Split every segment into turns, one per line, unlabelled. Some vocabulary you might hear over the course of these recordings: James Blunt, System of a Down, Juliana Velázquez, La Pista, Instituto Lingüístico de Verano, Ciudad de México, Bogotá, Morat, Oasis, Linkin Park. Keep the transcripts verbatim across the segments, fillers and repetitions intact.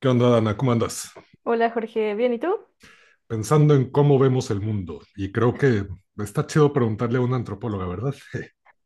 ¿Qué onda, Dana? ¿Cómo andas?
Hola Jorge, ¿bien y tú?
Pensando en cómo vemos el mundo. Y creo que está chido preguntarle a una antropóloga, ¿verdad?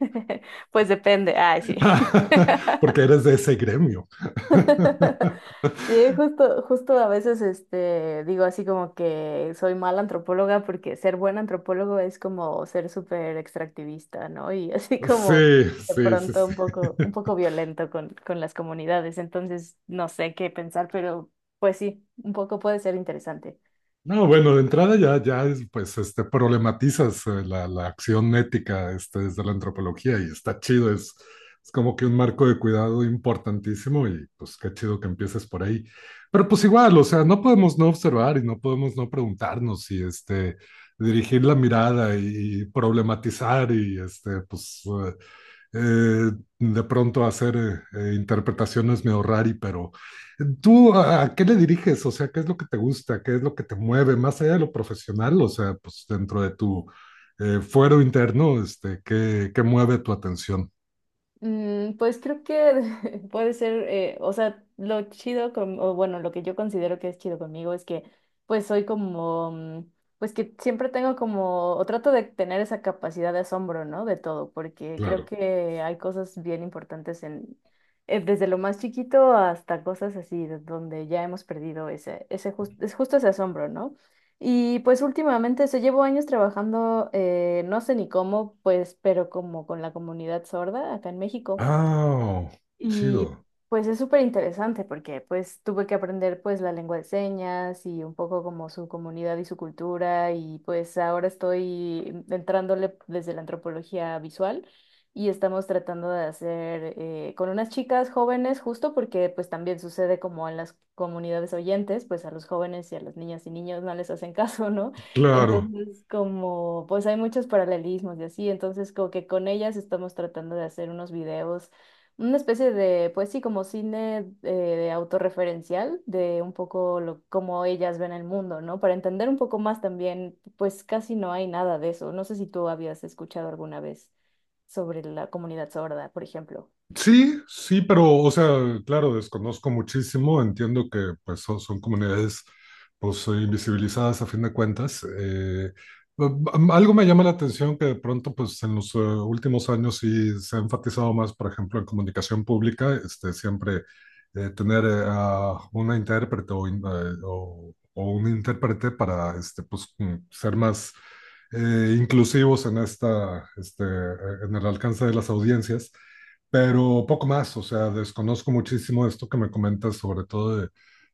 Pues depende, ay sí.
Porque eres de ese gremio.
Sí, justo, justo a veces este, digo así como que soy mala antropóloga porque ser buen antropólogo es como ser súper extractivista, ¿no? Y así como
Sí,
de
sí, sí,
pronto
sí.
un poco, un poco violento con, con las comunidades, entonces no sé qué pensar, pero pues sí, un poco puede ser interesante.
No, bueno, de entrada ya, ya es, pues, este, problematizas eh, la, la acción ética este, desde la antropología y está chido, es, es como que un marco de cuidado importantísimo, y pues qué chido que empieces por ahí. Pero pues igual, o sea, no podemos no observar y no podemos no preguntarnos y este, dirigir la mirada y problematizar y este, pues eh, eh, de pronto hacer eh, eh, interpretaciones medio rari, pero... ¿Tú a, a qué le diriges? O sea, ¿qué es lo que te gusta? ¿Qué es lo que te mueve? Más allá de lo profesional, o sea, pues dentro de tu eh, fuero interno, este, ¿qué, qué mueve tu atención?
Mm, pues creo que puede ser, eh, o sea, lo chido con, o bueno, lo que yo considero que es chido conmigo es que pues soy como, mm, pues que siempre tengo como, o trato de tener esa capacidad de asombro, ¿no? De todo, porque creo
Claro.
que hay cosas bien importantes en, eh, desde lo más chiquito hasta cosas así, de donde ya hemos perdido ese, ese jus- es justo ese asombro, ¿no? Y pues últimamente, se llevo años trabajando, eh, no sé ni cómo, pues, pero como con la comunidad sorda acá en México.
Ah, oh,
Y
chido.
pues es súper interesante porque pues tuve que aprender pues la lengua de señas y un poco como su comunidad y su cultura y pues ahora estoy entrándole desde la antropología visual y estamos tratando de hacer eh, con unas chicas jóvenes justo porque pues también sucede como en las comunidades oyentes pues a los jóvenes y a las niñas y niños no les hacen caso, ¿no?
Claro.
Entonces, como, pues hay muchos paralelismos y así, entonces como que con ellas estamos tratando de hacer unos videos, una especie de, pues sí, como cine eh, autorreferencial de un poco lo, cómo ellas ven el mundo, ¿no? Para entender un poco más también, pues casi no hay nada de eso. No sé si tú habías escuchado alguna vez sobre la comunidad sorda, por ejemplo.
Sí, sí, pero, o sea, claro, desconozco muchísimo, entiendo que pues son, son comunidades pues eh, invisibilizadas a fin de cuentas. Eh, am- algo me llama la atención que de pronto pues en los eh, últimos años sí se ha enfatizado más, por ejemplo, en comunicación pública, este, siempre eh, tener eh, a una intérprete o, in- eh, o- o un intérprete para este, pues, mm, ser más eh, inclusivos en esta, este, eh, en el alcance de las audiencias, pero poco más, o sea, desconozco muchísimo esto que me comentas, sobre todo de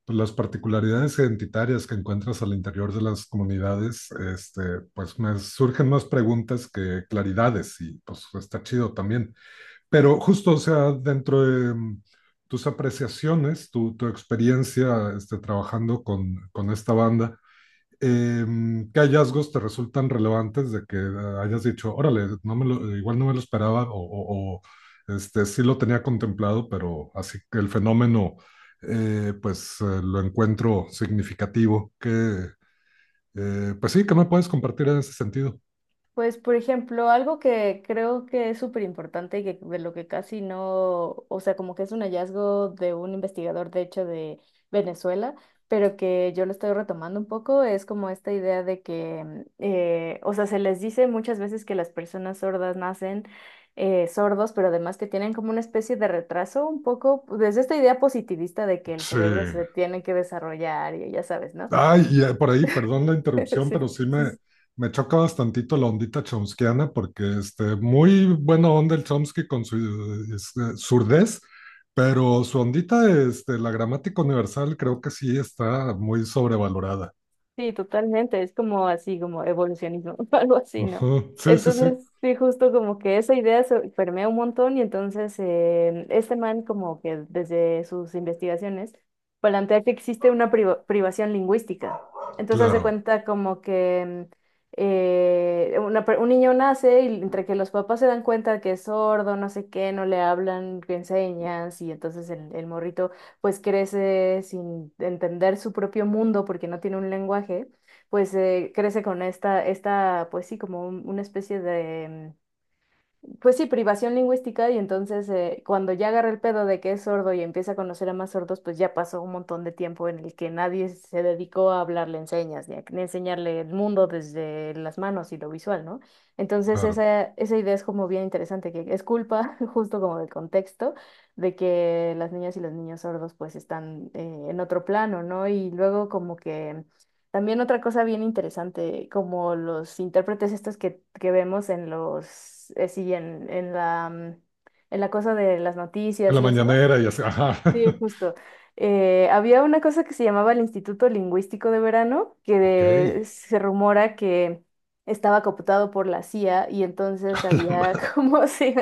pues, las particularidades identitarias que encuentras al interior de las comunidades, este, pues me surgen más preguntas que claridades y pues está chido también. Pero justo, o sea, dentro de mm, tus apreciaciones, tu, tu experiencia este, trabajando con, con esta banda, em, ¿qué hallazgos te resultan relevantes de que eh, hayas dicho, órale, no me lo- igual no me lo esperaba o, o- o, este, sí lo tenía contemplado, pero así que el fenómeno, eh, pues eh, lo encuentro significativo? Que, eh, pues sí, ¿qué me puedes compartir en ese sentido?
Pues, por ejemplo, algo que creo que es súper importante y que de lo que casi no, o sea, como que es un hallazgo de un investigador, de hecho, de Venezuela, pero que yo lo estoy retomando un poco, es como esta idea de que, mm, eh, o sea, se les dice muchas veces que las personas sordas nacen eh, sordos, pero además que tienen como una especie de retraso un poco, pues, desde esta idea positivista de que el
Sí.
cerebro se tiene que desarrollar y ya sabes, ¿no?
Ay, y eh, por ahí, perdón la interrupción,
Sí,
pero sí
sí,
me,
sí.
me choca bastantito la ondita chomskiana, porque este, muy buena onda el Chomsky con su eh, este, surdez, pero su ondita, este, la gramática universal, creo que sí está muy sobrevalorada.
Sí, totalmente, es como así, como evolucionismo, algo así, ¿no?
Ujú, sí, sí, sí,
Entonces, sí, justo como que esa idea se permea un montón y entonces eh, este man como que desde sus investigaciones plantea que existe una priva- privación lingüística. Entonces, hace
claro,
cuenta como que eh, una per- un niño nace y entre que los papás se dan cuenta que es sordo, no sé qué, no le hablan, que enseñas y entonces el, el morrito pues crece sin entender su propio mundo porque no tiene un lenguaje, pues eh, crece con esta, esta, pues sí, como un- una especie de, pues sí, privación lingüística y entonces eh, cuando ya agarra el pedo de que es sordo y empieza a conocer a más sordos, pues ya pasó un montón de tiempo en el que nadie se dedicó a hablarle en señas, ni a ni a enseñarle el mundo desde las manos y lo visual, ¿no? Entonces
claro.
esa, esa idea es como bien interesante, que es culpa justo como del contexto de que las niñas y los niños sordos pues están eh, en otro plano, ¿no? Y luego como que... También otra cosa bien interesante, como los intérpretes estos que, que vemos en los, eh, sí, en, en la, mm, en la cosa de las
En
noticias
la
y eso.
mañanera y así, ajá.
Sí, justo. Eh, había una cosa que se llamaba el Instituto Lingüístico de Verano, que
Ok.
de- se rumora que estaba cooptado por la C I A y
a
entonces
la
había
ma-
como si-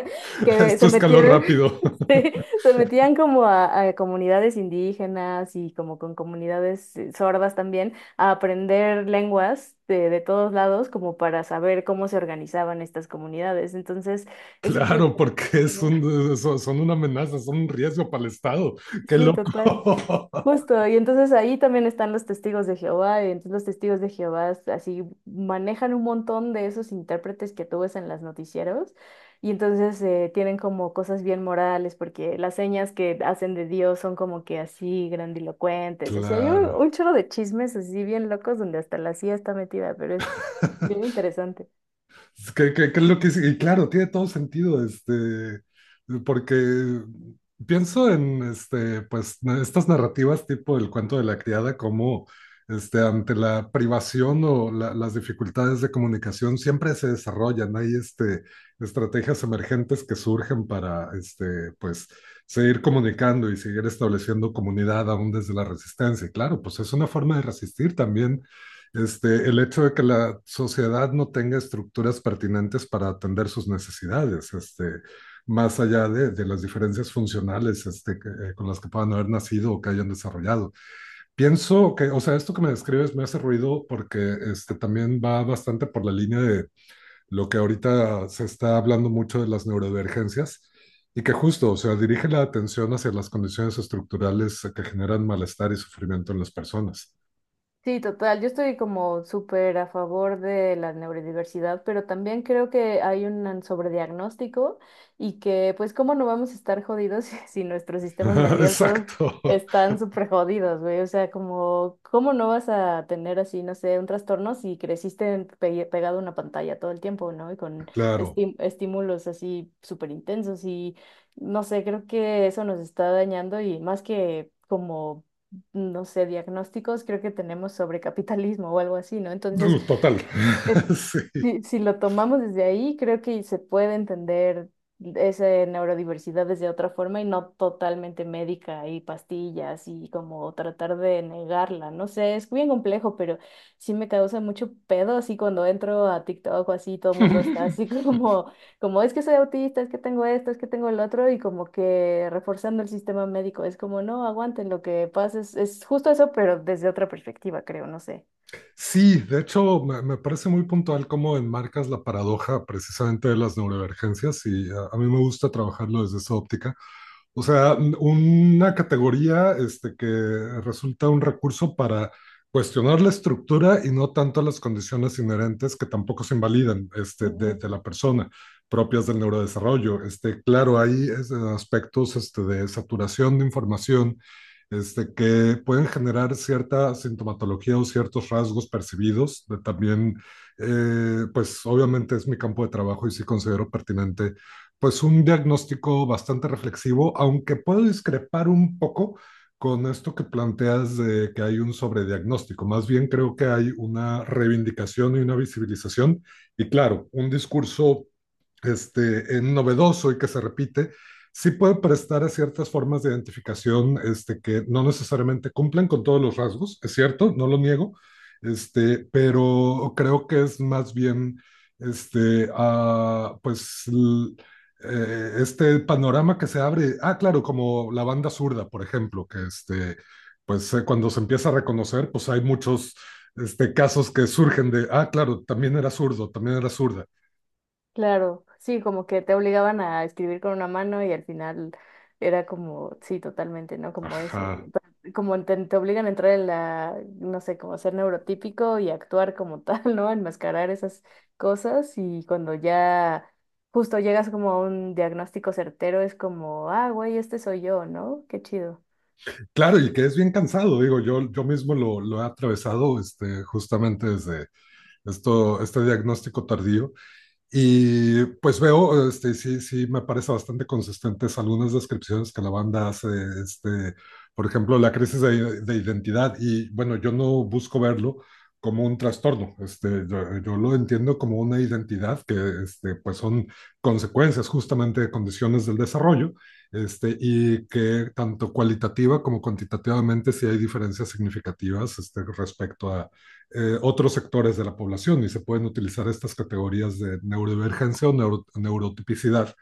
que
esto
se
escaló
metieron,
rápido.
sí, se metían como a, a comunidades indígenas y como con comunidades eh, sordas también a aprender lenguas de, de todos lados como para saber cómo se organizaban estas comunidades. Entonces, es súper
Claro, porque
interesante,
es
¿no?
un, son son una amenaza, son un riesgo para el Estado. Qué
Sí,
loco.
total. Justo, y entonces ahí también están los testigos de Jehová, y entonces los testigos de Jehová s- así manejan un montón de esos intérpretes que tú ves en las noticieros, y entonces eh, tienen como cosas bien morales, porque las señas que hacen de Dios son como que así grandilocuentes, así hay un,
Claro.
un chorro de chismes así bien locos donde hasta la C I A está metida, pero es bien interesante.
Es que, que- que es lo que sí, y claro, tiene todo sentido, este, porque pienso en este, pues, na- estas narrativas tipo el cuento de la criada, como este, ante la privación o la- las dificultades de comunicación siempre se desarrollan. Hay este, estrategias emergentes que surgen para este, pues, seguir comunicando y seguir estableciendo comunidad aún desde la resistencia. Y claro, pues es una forma de resistir también. Este, el hecho de que la sociedad no tenga estructuras pertinentes para atender sus necesidades, este, más allá de, de, las diferencias funcionales este, que- eh, con las que puedan haber nacido o que hayan desarrollado. Pienso que, o sea, esto que me describes me hace ruido porque este, también va bastante por la línea de lo que ahorita se está hablando mucho de las neurodivergencias. Y que justo, o sea, dirige la atención hacia las condiciones estructurales que generan malestar y sufrimiento en las personas.
Sí, total. Yo estoy como súper a favor de la neurodiversidad, pero también creo que hay un sobrediagnóstico y que pues cómo no vamos a estar jodidos si, si nuestros sistemas nerviosos
Exacto,
están súper jodidos, güey. O sea, como cómo no vas a tener así, no sé, un trastorno si creciste en- pe- pegado a una pantalla todo el tiempo, ¿no? Y con
claro.
esti- estímulos así súper intensos y no sé, creo que eso nos está dañando y más que... como no sé, diagnósticos creo que tenemos sobre capitalismo o algo así, ¿no? Entonces,
Uh, Total.
eh,
Sí.
si, si lo tomamos desde ahí, creo que se puede entender esa neurodiversidad desde otra forma y no totalmente médica y pastillas y como tratar de negarla. No sé, es bien complejo, pero sí me causa mucho pedo así cuando entro a TikTok o así, todo el mundo está así como, como es que soy autista, es que tengo esto, es que tengo el otro y como que reforzando el sistema médico. Es como, no, aguanten, lo que pasa es, es justo eso, pero desde otra perspectiva, creo, no sé.
Sí, de hecho, me, me parece muy puntual cómo enmarcas la paradoja precisamente de las neurodivergencias, y a, a mí me gusta trabajarlo desde esa óptica. O sea, n- una categoría este, que resulta un recurso para cuestionar la estructura y no tanto las condiciones inherentes, que tampoco se invalidan, este, de,
Ujú.
de la persona, propias del neurodesarrollo. Este, claro, hay es, aspectos, este, de saturación de información, este, que pueden generar cierta sintomatología o ciertos rasgos percibidos. De También, eh, pues obviamente es mi campo de trabajo y sí considero pertinente pues un diagnóstico bastante reflexivo, aunque puedo discrepar un poco con esto que planteas de que hay un sobrediagnóstico. Más bien creo que hay una reivindicación y una visibilización, y claro, un discurso este, eh, novedoso, y que se repite, sí puede prestar a ciertas formas de identificación, este, que no necesariamente cumplen con todos los rasgos, es cierto, no lo niego, este, pero creo que es más bien, este, ah pues, l- eh, este panorama que se abre, ah, claro, como la banda zurda, por ejemplo, que este, pues eh, cuando se empieza a reconocer, pues hay muchos este, casos que surgen de, ah, claro, también era zurdo, también era zurda.
Claro, sí, como que te obligaban a escribir con una mano y al final era como, sí, totalmente, ¿no? Como eso,
Ajá.
pe- como te, te obligan a entrar en la, no sé, como ser neurotípico y actuar como tal, ¿no? Enmascarar esas cosas y cuando ya justo llegas como a un diagnóstico certero es como, ah, güey, este soy yo, ¿no? Qué chido.
Claro, y que es bien cansado, digo, yo, yo mismo lo, lo he atravesado, este, justamente desde esto, este diagnóstico tardío. Y pues veo, este, sí, sí, me parece bastante consistentes algunas descripciones que la banda hace, este, por ejemplo, la crisis de, de identidad. Y bueno, yo no busco verlo como un trastorno, este, yo, yo lo entiendo como una identidad que este, pues son consecuencias justamente de condiciones del desarrollo, este, y que tanto cualitativa como cuantitativamente sí hay diferencias significativas este, respecto a, eh, otros sectores de la población, y se pueden utilizar estas categorías de neurodivergencia o neuro- neurotipicidad.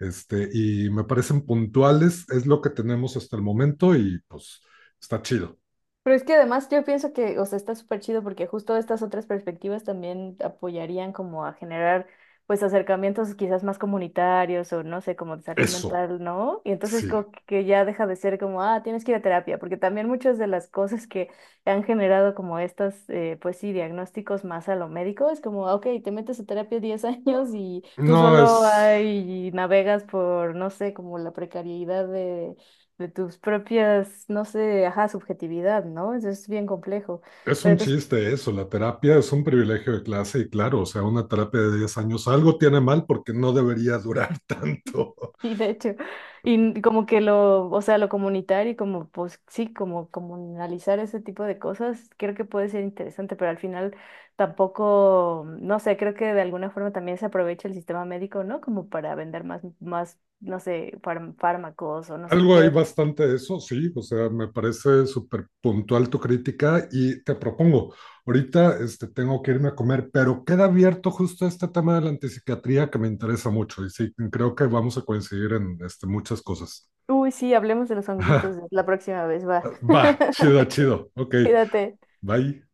Este, y me parecen puntuales, es lo que tenemos hasta el momento y pues está chido.
Pero es que además yo pienso que, o sea, está súper chido porque justo estas otras perspectivas también apoyarían como a generar pues acercamientos quizás más comunitarios o no sé, como de salud
Eso,
mental, ¿no? Y entonces
sí.
como que ya deja de ser como, ah, tienes que ir a terapia, porque también muchas de las cosas que han generado como estas, eh, pues sí, diagnósticos más a lo médico, es como, ah, ok, te metes a terapia diez años y tú
No es,
solo ahí navegas por, no sé, como la precariedad de de tus propias, no sé, ajá, subjetividad, ¿no? Eso es bien complejo.
es
Pero
un
entonces,
chiste eso, la terapia es un privilegio de clase y claro, o sea, una terapia de diez años algo tiene mal porque no debería durar tanto.
sí, de hecho, y como que lo, o sea, lo comunitario y como, pues sí, como comunalizar ese tipo de cosas, creo que puede ser interesante, pero al final tampoco, no sé, creo que de alguna forma también se aprovecha el sistema médico, ¿no? Como para vender más, más, no sé, fárm- fármacos o no sé
Algo hay
qué.
bastante de eso, sí, o sea, me parece súper puntual tu crítica, y te propongo, ahorita este, tengo que irme a comer, pero queda abierto justo este tema de la antipsiquiatría que me interesa mucho y sí, creo que vamos a coincidir en este, muchas cosas.
Uy, sí, hablemos de los honguitos la próxima vez, va.
Va, chido, chido, ok,
Cuídate.
bye.